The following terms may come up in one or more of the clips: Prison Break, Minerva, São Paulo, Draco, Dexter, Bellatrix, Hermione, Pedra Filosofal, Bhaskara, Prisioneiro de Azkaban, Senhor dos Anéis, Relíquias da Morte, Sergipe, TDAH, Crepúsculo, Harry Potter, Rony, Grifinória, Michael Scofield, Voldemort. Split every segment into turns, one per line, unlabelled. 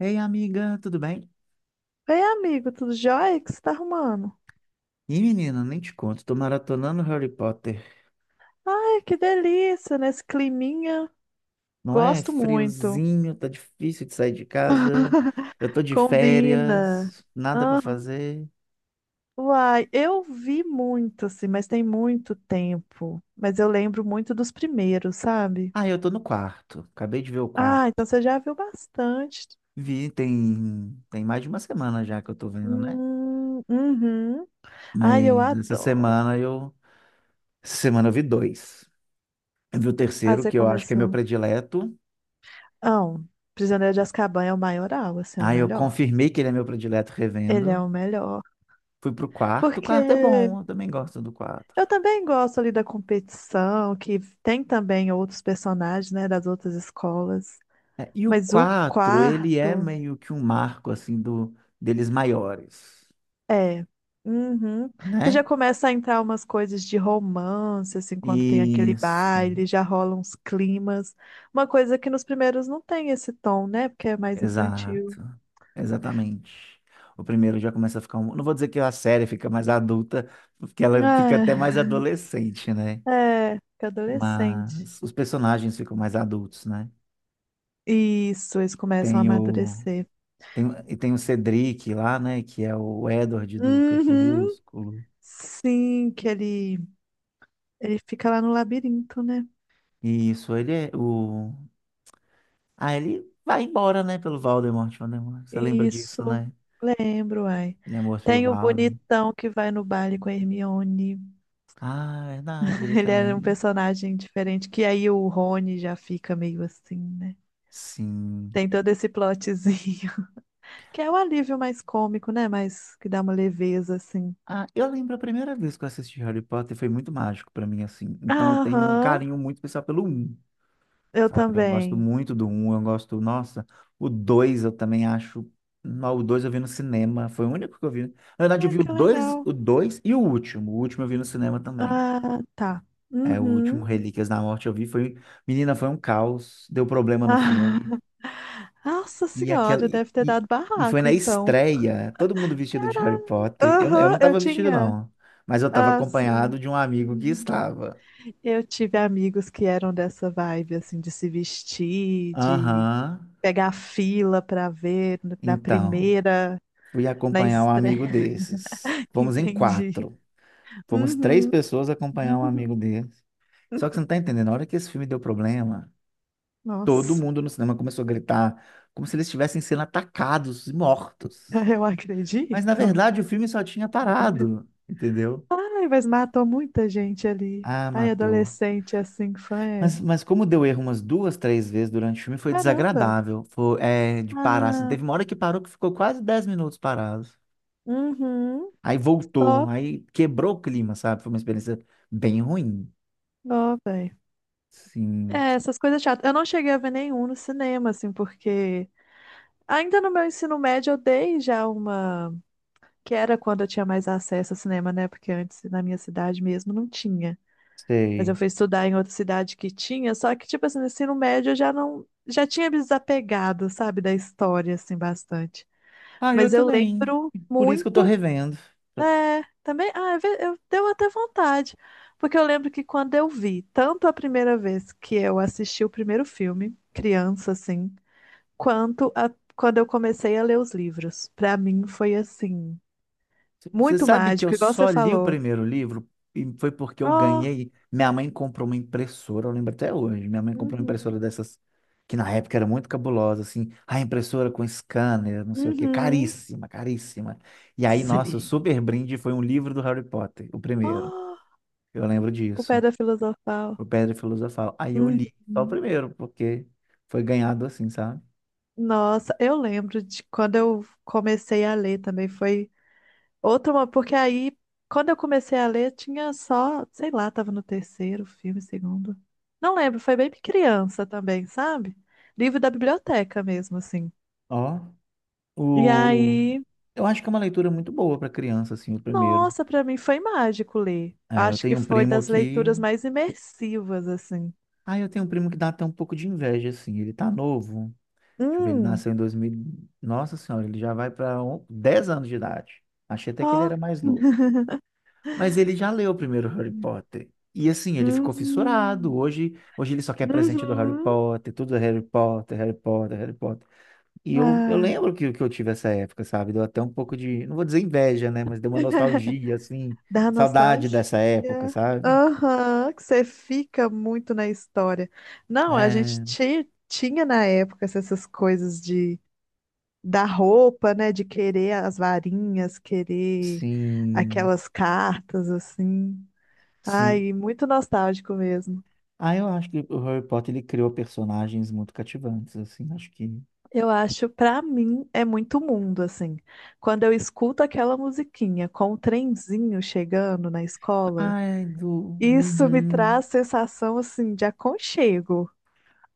Ei, amiga, tudo bem?
Ei, amigo, tudo jóia? O que você tá arrumando?
Ih, menina, nem te conto, tô maratonando Harry Potter.
Ai, que delícia, nesse climinha.
Não é
Gosto muito.
friozinho, tá difícil de sair de casa. Eu tô de
Combina.
férias, nada pra
Ah,
fazer.
uai, eu vi muito, assim, mas tem muito tempo. Mas eu lembro muito dos primeiros, sabe?
Ah, eu tô no quarto. Acabei de ver o
Ah,
quarto.
então você já viu bastante.
Vi, tem mais de uma semana já que eu tô vendo, né?
Uhum. Ai, eu
Mas essa
adoro.
semana eu, Essa semana eu vi dois. Eu vi o
Ah,
terceiro,
você
que eu acho que é meu
começou.
predileto.
Não, Prisioneiro de Azkaban é o maioral, assim, é o
Aí eu
melhor.
confirmei que ele é meu predileto
Ele é
revendo.
o melhor.
Fui pro quarto. O quarto é
Porque
bom, eu também gosto do quarto.
eu também gosto ali da competição, que tem também outros personagens, né, das outras escolas.
É, e o
Mas o
4 ele é
quarto
meio que um marco, assim, deles maiores,
é. Uhum. Que já
né?
começa a entrar umas coisas de romance, assim, quando tem aquele
Isso,
baile, já rolam uns climas. Uma coisa que nos primeiros não tem esse tom, né? Porque é mais infantil.
exato, exatamente. O primeiro já começa a ficar um. Não vou dizer que a série fica mais adulta, porque ela fica até mais adolescente, né?
É, é, fica adolescente.
Mas os personagens ficam mais adultos, né?
Isso, eles começam a
Tem o...
amadurecer.
tem o Cedric lá, né? Que é o Edward do
Uhum.
Crepúsculo.
Sim, que ele fica lá no labirinto, né?
Isso, ele é o. Aí ele vai embora, né, pelo Voldemort. Voldemort. Você lembra disso,
Isso,
né?
lembro, ai.
Ele é morto pelo
Tem o
Voldemort.
bonitão que vai no baile com a Hermione.
Ah, é verdade, ele
Ele era um
também.
personagem diferente, que aí o Rony já fica meio assim, né?
Sim.
Tem todo esse plotzinho, que é o alívio mais cômico, né? Mas que dá uma leveza, assim.
Ah, eu lembro a primeira vez que eu assisti Harry Potter foi muito mágico pra mim, assim. Então eu tenho um
Aham,
carinho muito especial pelo um,
eu
sabe? Eu gosto
também.
muito do um. Eu gosto, nossa, o 2 eu também acho. Não, o 2 eu vi no cinema, foi o único que eu vi. Na verdade, eu
Ah,
vi o
que
dois,
legal.
o dois e o último. O último eu vi no cinema também.
Ah, tá.
É, o último
Uhum.
Relíquias da Morte eu vi foi. Menina, foi um caos, deu
Ah,
problema no filme.
nossa
E aquela.
senhora, deve ter dado
E foi
barraco,
na
então.
estreia, todo mundo vestido de Harry Potter. Eu
Aham,
não
eu
tava vestido,
tinha.
não. Mas eu tava
Ah, sim.
acompanhado de um amigo que estava.
Eu tive amigos que eram dessa vibe, assim, de se vestir, de
Aham.
pegar fila pra ver na
Então,
primeira,
fui
na
acompanhar um amigo
estreia,
desses. Fomos em
entendi.
quatro. Fomos três
Uhum.
pessoas acompanhar um amigo desses. Só que você não tá entendendo, na hora que esse filme deu problema, todo
Nossa,
mundo no cinema começou a gritar como se eles estivessem sendo atacados e mortos.
eu
Mas na
acredito.
verdade o filme só tinha parado, entendeu?
Ai, mas matou muita gente ali.
Ah,
Ai,
matou.
adolescente assim, fã é.
Mas como deu erro umas duas, três vezes durante o filme, foi
Caramba.
desagradável. Foi, é, de parar, assim.
Ah,
Teve uma hora que parou que ficou quase 10 minutos parado.
uhum.
Aí
Ó,
voltou, aí quebrou o clima, sabe? Foi uma experiência bem ruim.
ó, velho.
Sim,
É, essas coisas chatas. Eu não cheguei a ver nenhum no cinema, assim, porque ainda no meu ensino médio eu dei já uma que era quando eu tinha mais acesso ao cinema, né? Porque antes, na minha cidade mesmo, não tinha. Mas eu
sei.
fui estudar em outra cidade que tinha, só que, tipo assim, no ensino médio eu já não. Já tinha me desapegado, sabe, da história, assim, bastante.
Ah, eu
Mas eu
também.
lembro
Por isso que eu tô
muito.
revendo.
É, também. Ah, deu até vontade. Porque eu lembro que quando eu vi, tanto a primeira vez que eu assisti o primeiro filme, criança, assim, quanto quando eu comecei a ler os livros. Pra mim foi assim.
Você
Muito
sabe que eu
mágico, igual você
só li o
falou.
primeiro livro e foi porque eu
Oh,
ganhei. Minha mãe comprou uma impressora, eu lembro até hoje. Minha mãe comprou uma
uhum,
impressora dessas que na época era muito cabulosa, assim, a impressora com scanner, não sei o quê,
uhum.
caríssima, caríssima. E aí, nossa, o
Sim.
super brinde foi um livro do Harry Potter, o primeiro.
Oh,
Eu lembro
o
disso,
Pedra Filosofal.
o Pedra Filosofal. Aí eu li só o
Uhum.
primeiro, porque foi ganhado assim, sabe?
Nossa, eu lembro de quando eu comecei a ler também, foi outra, porque aí, quando eu comecei a ler, tinha só, sei lá, tava no terceiro filme, segundo. Não lembro, foi bem criança também, sabe? Livro da biblioteca mesmo, assim.
Ó,
E
o...
aí,
eu acho que é uma leitura muito boa para criança, assim, o primeiro.
nossa, pra mim foi mágico ler.
É, eu
Acho que
tenho um
foi
primo
das
que
leituras mais imersivas, assim.
Ah, eu tenho um primo que dá até um pouco de inveja, assim. Ele tá novo. Deixa eu ver, ele
Hum.
nasceu em 2000. Nossa Senhora, ele já vai para 10 anos de idade. Achei até que ele
Ó.
era mais novo. Mas ele já leu o primeiro Harry Potter. E assim, ele ficou fissurado.
Hum.
Hoje ele só quer presente do Harry
Uhum.
Potter, tudo é Harry Potter, Harry Potter, Harry Potter. E eu
Ah.
lembro que eu tive essa época, sabe? Deu até um pouco de, não vou dizer inveja, né? Mas deu uma nostalgia, assim,
Dá
saudade
nostalgia.
dessa época, sabe?
Aham, que você fica muito na história. Não, a gente
É,
tinha na época essas coisas de da roupa, né? De querer as varinhas, querer
sim.
aquelas cartas, assim.
Sim,
Ai, muito nostálgico mesmo.
ah, eu acho que o Harry Potter ele criou personagens muito cativantes, assim, acho que.
Eu acho, pra mim, é muito mundo, assim. Quando eu escuto aquela musiquinha com o trenzinho chegando na escola,
Ai, do.
isso me
Uhum.
traz sensação, assim, de aconchego.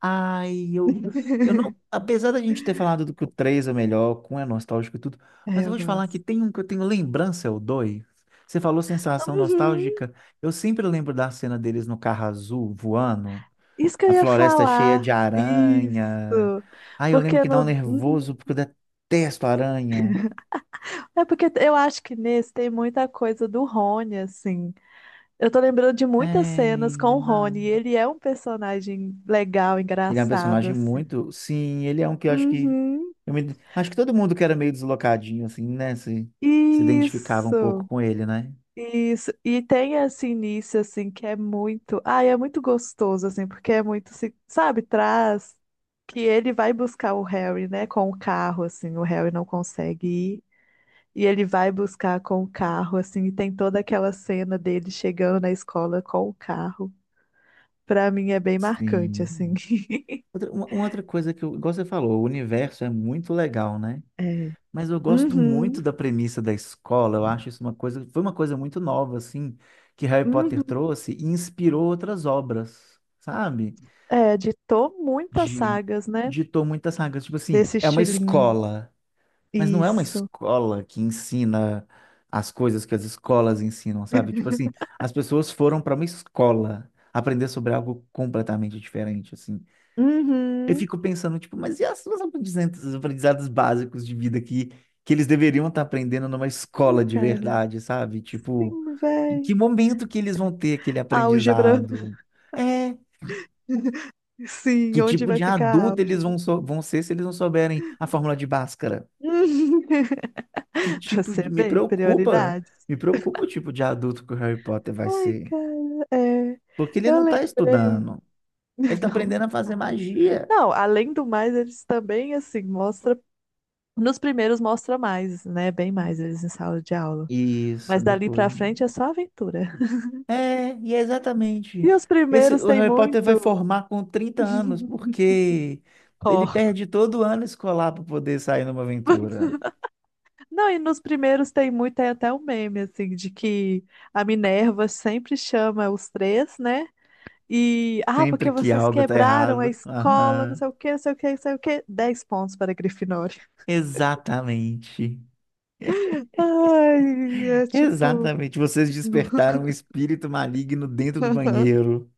Ai. Eu não. Apesar da gente ter falado do que o 3 é o melhor, com é nostálgico e tudo,
É,
mas eu
eu
vou te falar que
gosto.
tem um que eu tenho lembrança, é o 2. Você falou sensação
Uhum,
nostálgica. Eu sempre lembro da cena deles no carro azul voando,
isso que eu
a
ia
floresta cheia
falar.
de
Isso.
aranha. Ai, eu lembro
Porque
que dá um
no.
nervoso
Uhum.
porque eu detesto aranha.
É porque eu acho que nesse tem muita coisa do Rony, assim. Eu tô lembrando de muitas cenas
É,
com o Rony, e
verdade.
ele é um personagem legal,
Ele é um
engraçado,
personagem
assim.
muito. Sim, ele é um que eu acho que.
Uhum.
Acho que todo mundo que era meio deslocadinho, assim, né? Se identificava um pouco
Isso,
com ele, né?
isso. E tem esse início, assim, que é muito. Ai, é muito gostoso, assim, porque é muito, assim, sabe, traz que ele vai buscar o Harry, né, com o carro, assim, o Harry não consegue ir. E ele vai buscar com o carro, assim, e tem toda aquela cena dele chegando na escola com o carro. Pra mim é bem marcante, assim.
Sim. Uma outra coisa que eu. Igual você falou, o universo é muito legal, né?
É.
Mas eu gosto
Uhum,
muito da premissa da escola. Eu acho isso uma coisa. Foi uma coisa muito nova, assim, que Harry Potter
uhum.
trouxe e inspirou outras obras, sabe?
É, ditou muitas
De.
sagas, né,
Ditou muitas sagas. Tipo assim,
desse
é uma
estilinho.
escola. Mas não é uma
Isso.
escola que ensina as coisas que as escolas ensinam, sabe? Tipo assim, as pessoas foram para uma escola aprender sobre algo completamente diferente, assim. Eu
Uhum.
fico pensando, tipo, mas e as suas aprendizados, os aprendizados básicos de vida que eles deveriam estar aprendendo numa escola de
Cara,
verdade, sabe? Tipo,
sim,
em
véi.
que momento que eles vão ter aquele
Álgebra.
aprendizado? É,
Sim,
que
onde
tipo
vai
de
ficar a
adulto eles
álgebra?
vão ser se eles não souberem a fórmula de Bhaskara?
Uhum.
Que
Pra
tipo
você
de. Me
ver,
preocupa,
prioridades.
me preocupa o tipo de adulto que o Harry Potter vai
Ai,
ser.
cara, é.
Porque ele
Eu
não tá
lembrei.
estudando. Ele tá
Não,
aprendendo a fazer magia.
não, além do mais, eles também, assim, mostra. Nos primeiros mostra mais, né? Bem mais eles em sala de aula.
Isso,
Mas dali
depois.
pra frente é só aventura.
É, e é exatamente.
E os
Esse,
primeiros
o
tem
Harry Potter vai
muito.
formar com 30 anos, porque ele
Ó.
perde todo ano escolar para poder sair numa aventura.
Não, e nos primeiros tem muito, tem até o meme, assim, de que a Minerva sempre chama os três, né? E, ah, porque
Sempre que
vocês
algo tá
quebraram a
errado.
escola, não
Aham.
sei o quê, não sei o quê, não sei o quê. 10 pontos para a Grifinória.
Exatamente.
Ai, é tipo...
Exatamente. Vocês despertaram um espírito maligno dentro do banheiro.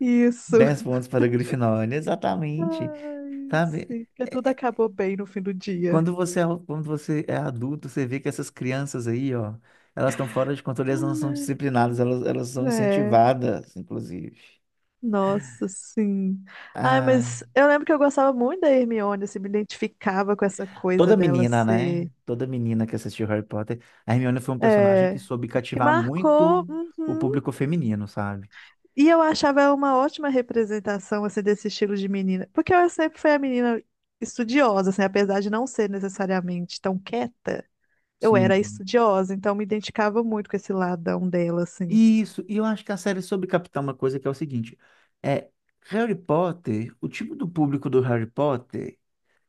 Isso.
10 pontos para a Grifinória, exatamente.
Ai,
Sabe?
sim, porque tudo acabou bem no fim do dia.
Quando você é adulto, você vê que essas crianças aí, ó, elas estão fora de controle, elas não são
Ai,
disciplinadas, elas são
é.
incentivadas, inclusive.
Nossa, sim. Ai,
Ai,
mas eu lembro que eu gostava muito da Hermione, assim, me identificava com essa coisa
toda
dela
menina, né?
ser.
Toda menina que assistiu Harry Potter, a Hermione foi um personagem que
É,
soube
que
cativar
marcou,
muito o
uhum.
público feminino, sabe?
E eu achava ela uma ótima representação assim desse estilo de menina, porque ela sempre foi a menina estudiosa, assim, apesar de não ser necessariamente tão quieta, eu era
Sim.
estudiosa, então me identificava muito com esse ladão dela, assim.
Isso, e eu acho que a série soube captar uma coisa que é o seguinte, é Harry Potter, o tipo do público do Harry Potter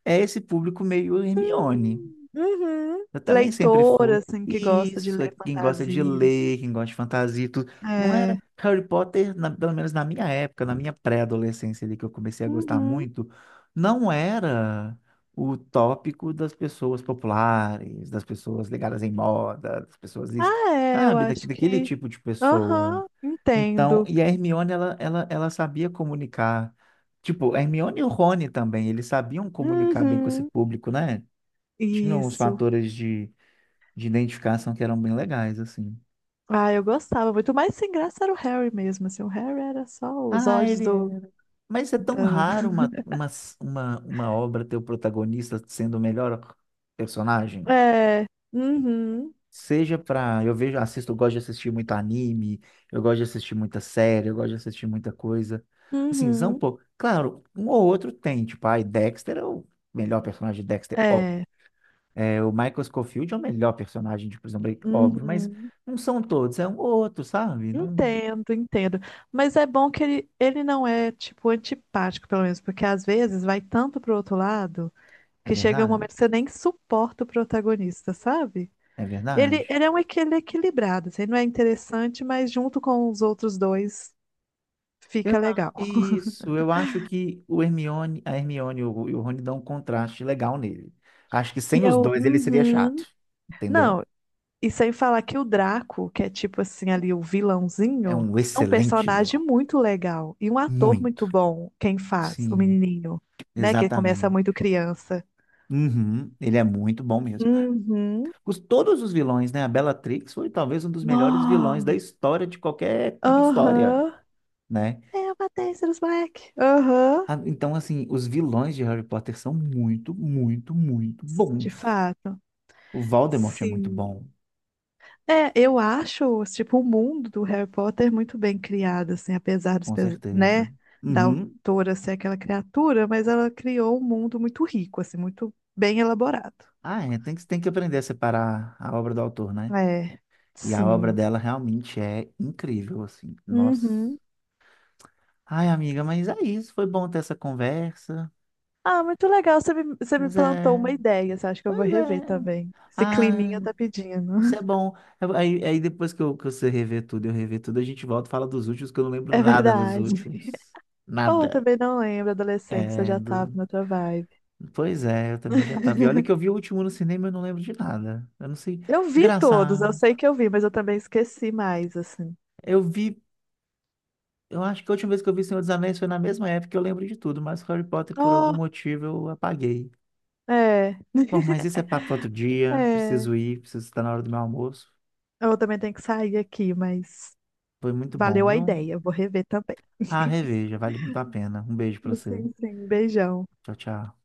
é esse público meio Hermione.
Uhum.
Eu também sempre
Leitora,
fui.
assim, que gosta de
Isso, é
ler
quem gosta de
fantasia.
ler, quem gosta de fantasia, e tudo. Não era
É.
Harry Potter, pelo menos na minha época, na minha pré-adolescência ali, que eu comecei a gostar
Uhum.
muito, não era o tópico das pessoas populares, das pessoas ligadas em moda, das pessoas isso,
Ah, é, eu
sabe,
acho
daquele
que.
tipo de pessoa.
Aham,
Então,
entendo.
e a Hermione, ela sabia comunicar. Tipo, a Hermione e o Rony também, eles sabiam comunicar bem com esse
Uhum.
público, né? Tinham uns
Isso.
fatores de identificação que eram bem legais, assim.
Ah, eu gostava muito, mas sem graça era o Harry mesmo, assim. O Harry era só os
Ah,
olhos
ele
do...
é. Mas é tão
da-
raro uma obra ter o protagonista sendo o melhor personagem.
É. Uhum.
Seja pra. Eu vejo, assisto, eu gosto de assistir muito anime, eu gosto de assistir muita série, eu gosto de assistir muita coisa. Assim, são um
Uhum.
pouco. Claro, um ou outro tem, tipo, ai, Dexter é o melhor personagem de Dexter, óbvio.
É.
É, o Michael Scofield é o melhor personagem de Prison Break, óbvio, mas
Uhum.
não são todos, é um ou outro, sabe? Não.
Entendo, entendo. Mas é bom que ele não é, tipo, antipático, pelo menos, porque às vezes vai tanto pro outro lado
É
que chega um
verdade?
momento que você nem suporta o protagonista, sabe?
É verdade.
Ele é equilibrado, assim, ele não é interessante, mas junto com os outros dois fica legal.
Isso, eu acho que a Hermione e o Rony dão um contraste legal nele. Acho que
E
sem os
eu,
dois ele seria
uhum.
chato, entendeu?
Não, e sem falar que o Draco, que é tipo assim ali o
É
vilãozinho,
um
é um
excelente
personagem
vilão.
muito legal e um ator muito
Muito.
bom, quem faz, o
Sim,
menininho, né, que começa
exatamente.
muito criança.
Uhum, ele é muito bom mesmo.
Uhum.
Todos os vilões, né? A Bellatrix foi talvez um dos melhores vilões da
Nó.
história de qualquer história,
Aham.
né?
É uma Tênis Black. Aham.
Ah, então, assim, os vilões de Harry Potter são muito, muito, muito
De
bons.
fato.
O Voldemort é muito
Sim.
bom,
É, eu acho, tipo, o mundo do Harry Potter muito bem criado, assim, apesar dos,
com certeza.
né, da
Uhum.
autora ser aquela criatura, mas ela criou um mundo muito rico, assim, muito bem elaborado.
Ah, é, tem que aprender a separar a obra do autor, né?
É,
E a obra
sim.
dela realmente é incrível, assim. Nossa.
Uhum.
Ai, amiga, mas é isso. Foi bom ter essa conversa.
Ah, muito legal, você me
Pois
plantou
é,
uma ideia, assim, acho que eu vou
pois
rever
é.
também. Esse
Ah,
climinha tá pedindo.
isso é bom. Aí depois que você rever tudo, eu rever tudo, a gente volta e fala dos últimos, que eu não lembro
É
nada dos
verdade.
últimos.
Oh, eu
Nada.
também não lembro, adolescência
É,
já tava
do...
na outra vibe.
Pois é, eu também já tava. E olha que eu vi o último no cinema e eu não lembro de nada. Eu não sei.
Eu vi todos, eu
Engraçado.
sei que eu vi, mas eu também esqueci mais, assim.
Eu vi. Eu acho que a última vez que eu vi Senhor dos Anéis foi na mesma época que eu lembro de tudo, mas Harry Potter, por algum motivo, eu apaguei.
É,
Bom, mas isso é papo para outro dia.
é.
Preciso ir, preciso estar na hora do meu almoço.
Eu também tenho que sair aqui, mas
Foi muito bom,
valeu a
viu?
ideia. Eu vou rever também.
Ah, reveja, vale muito a pena. Um beijo para você.
Sim, sim. Beijão.
Tchau, tchau.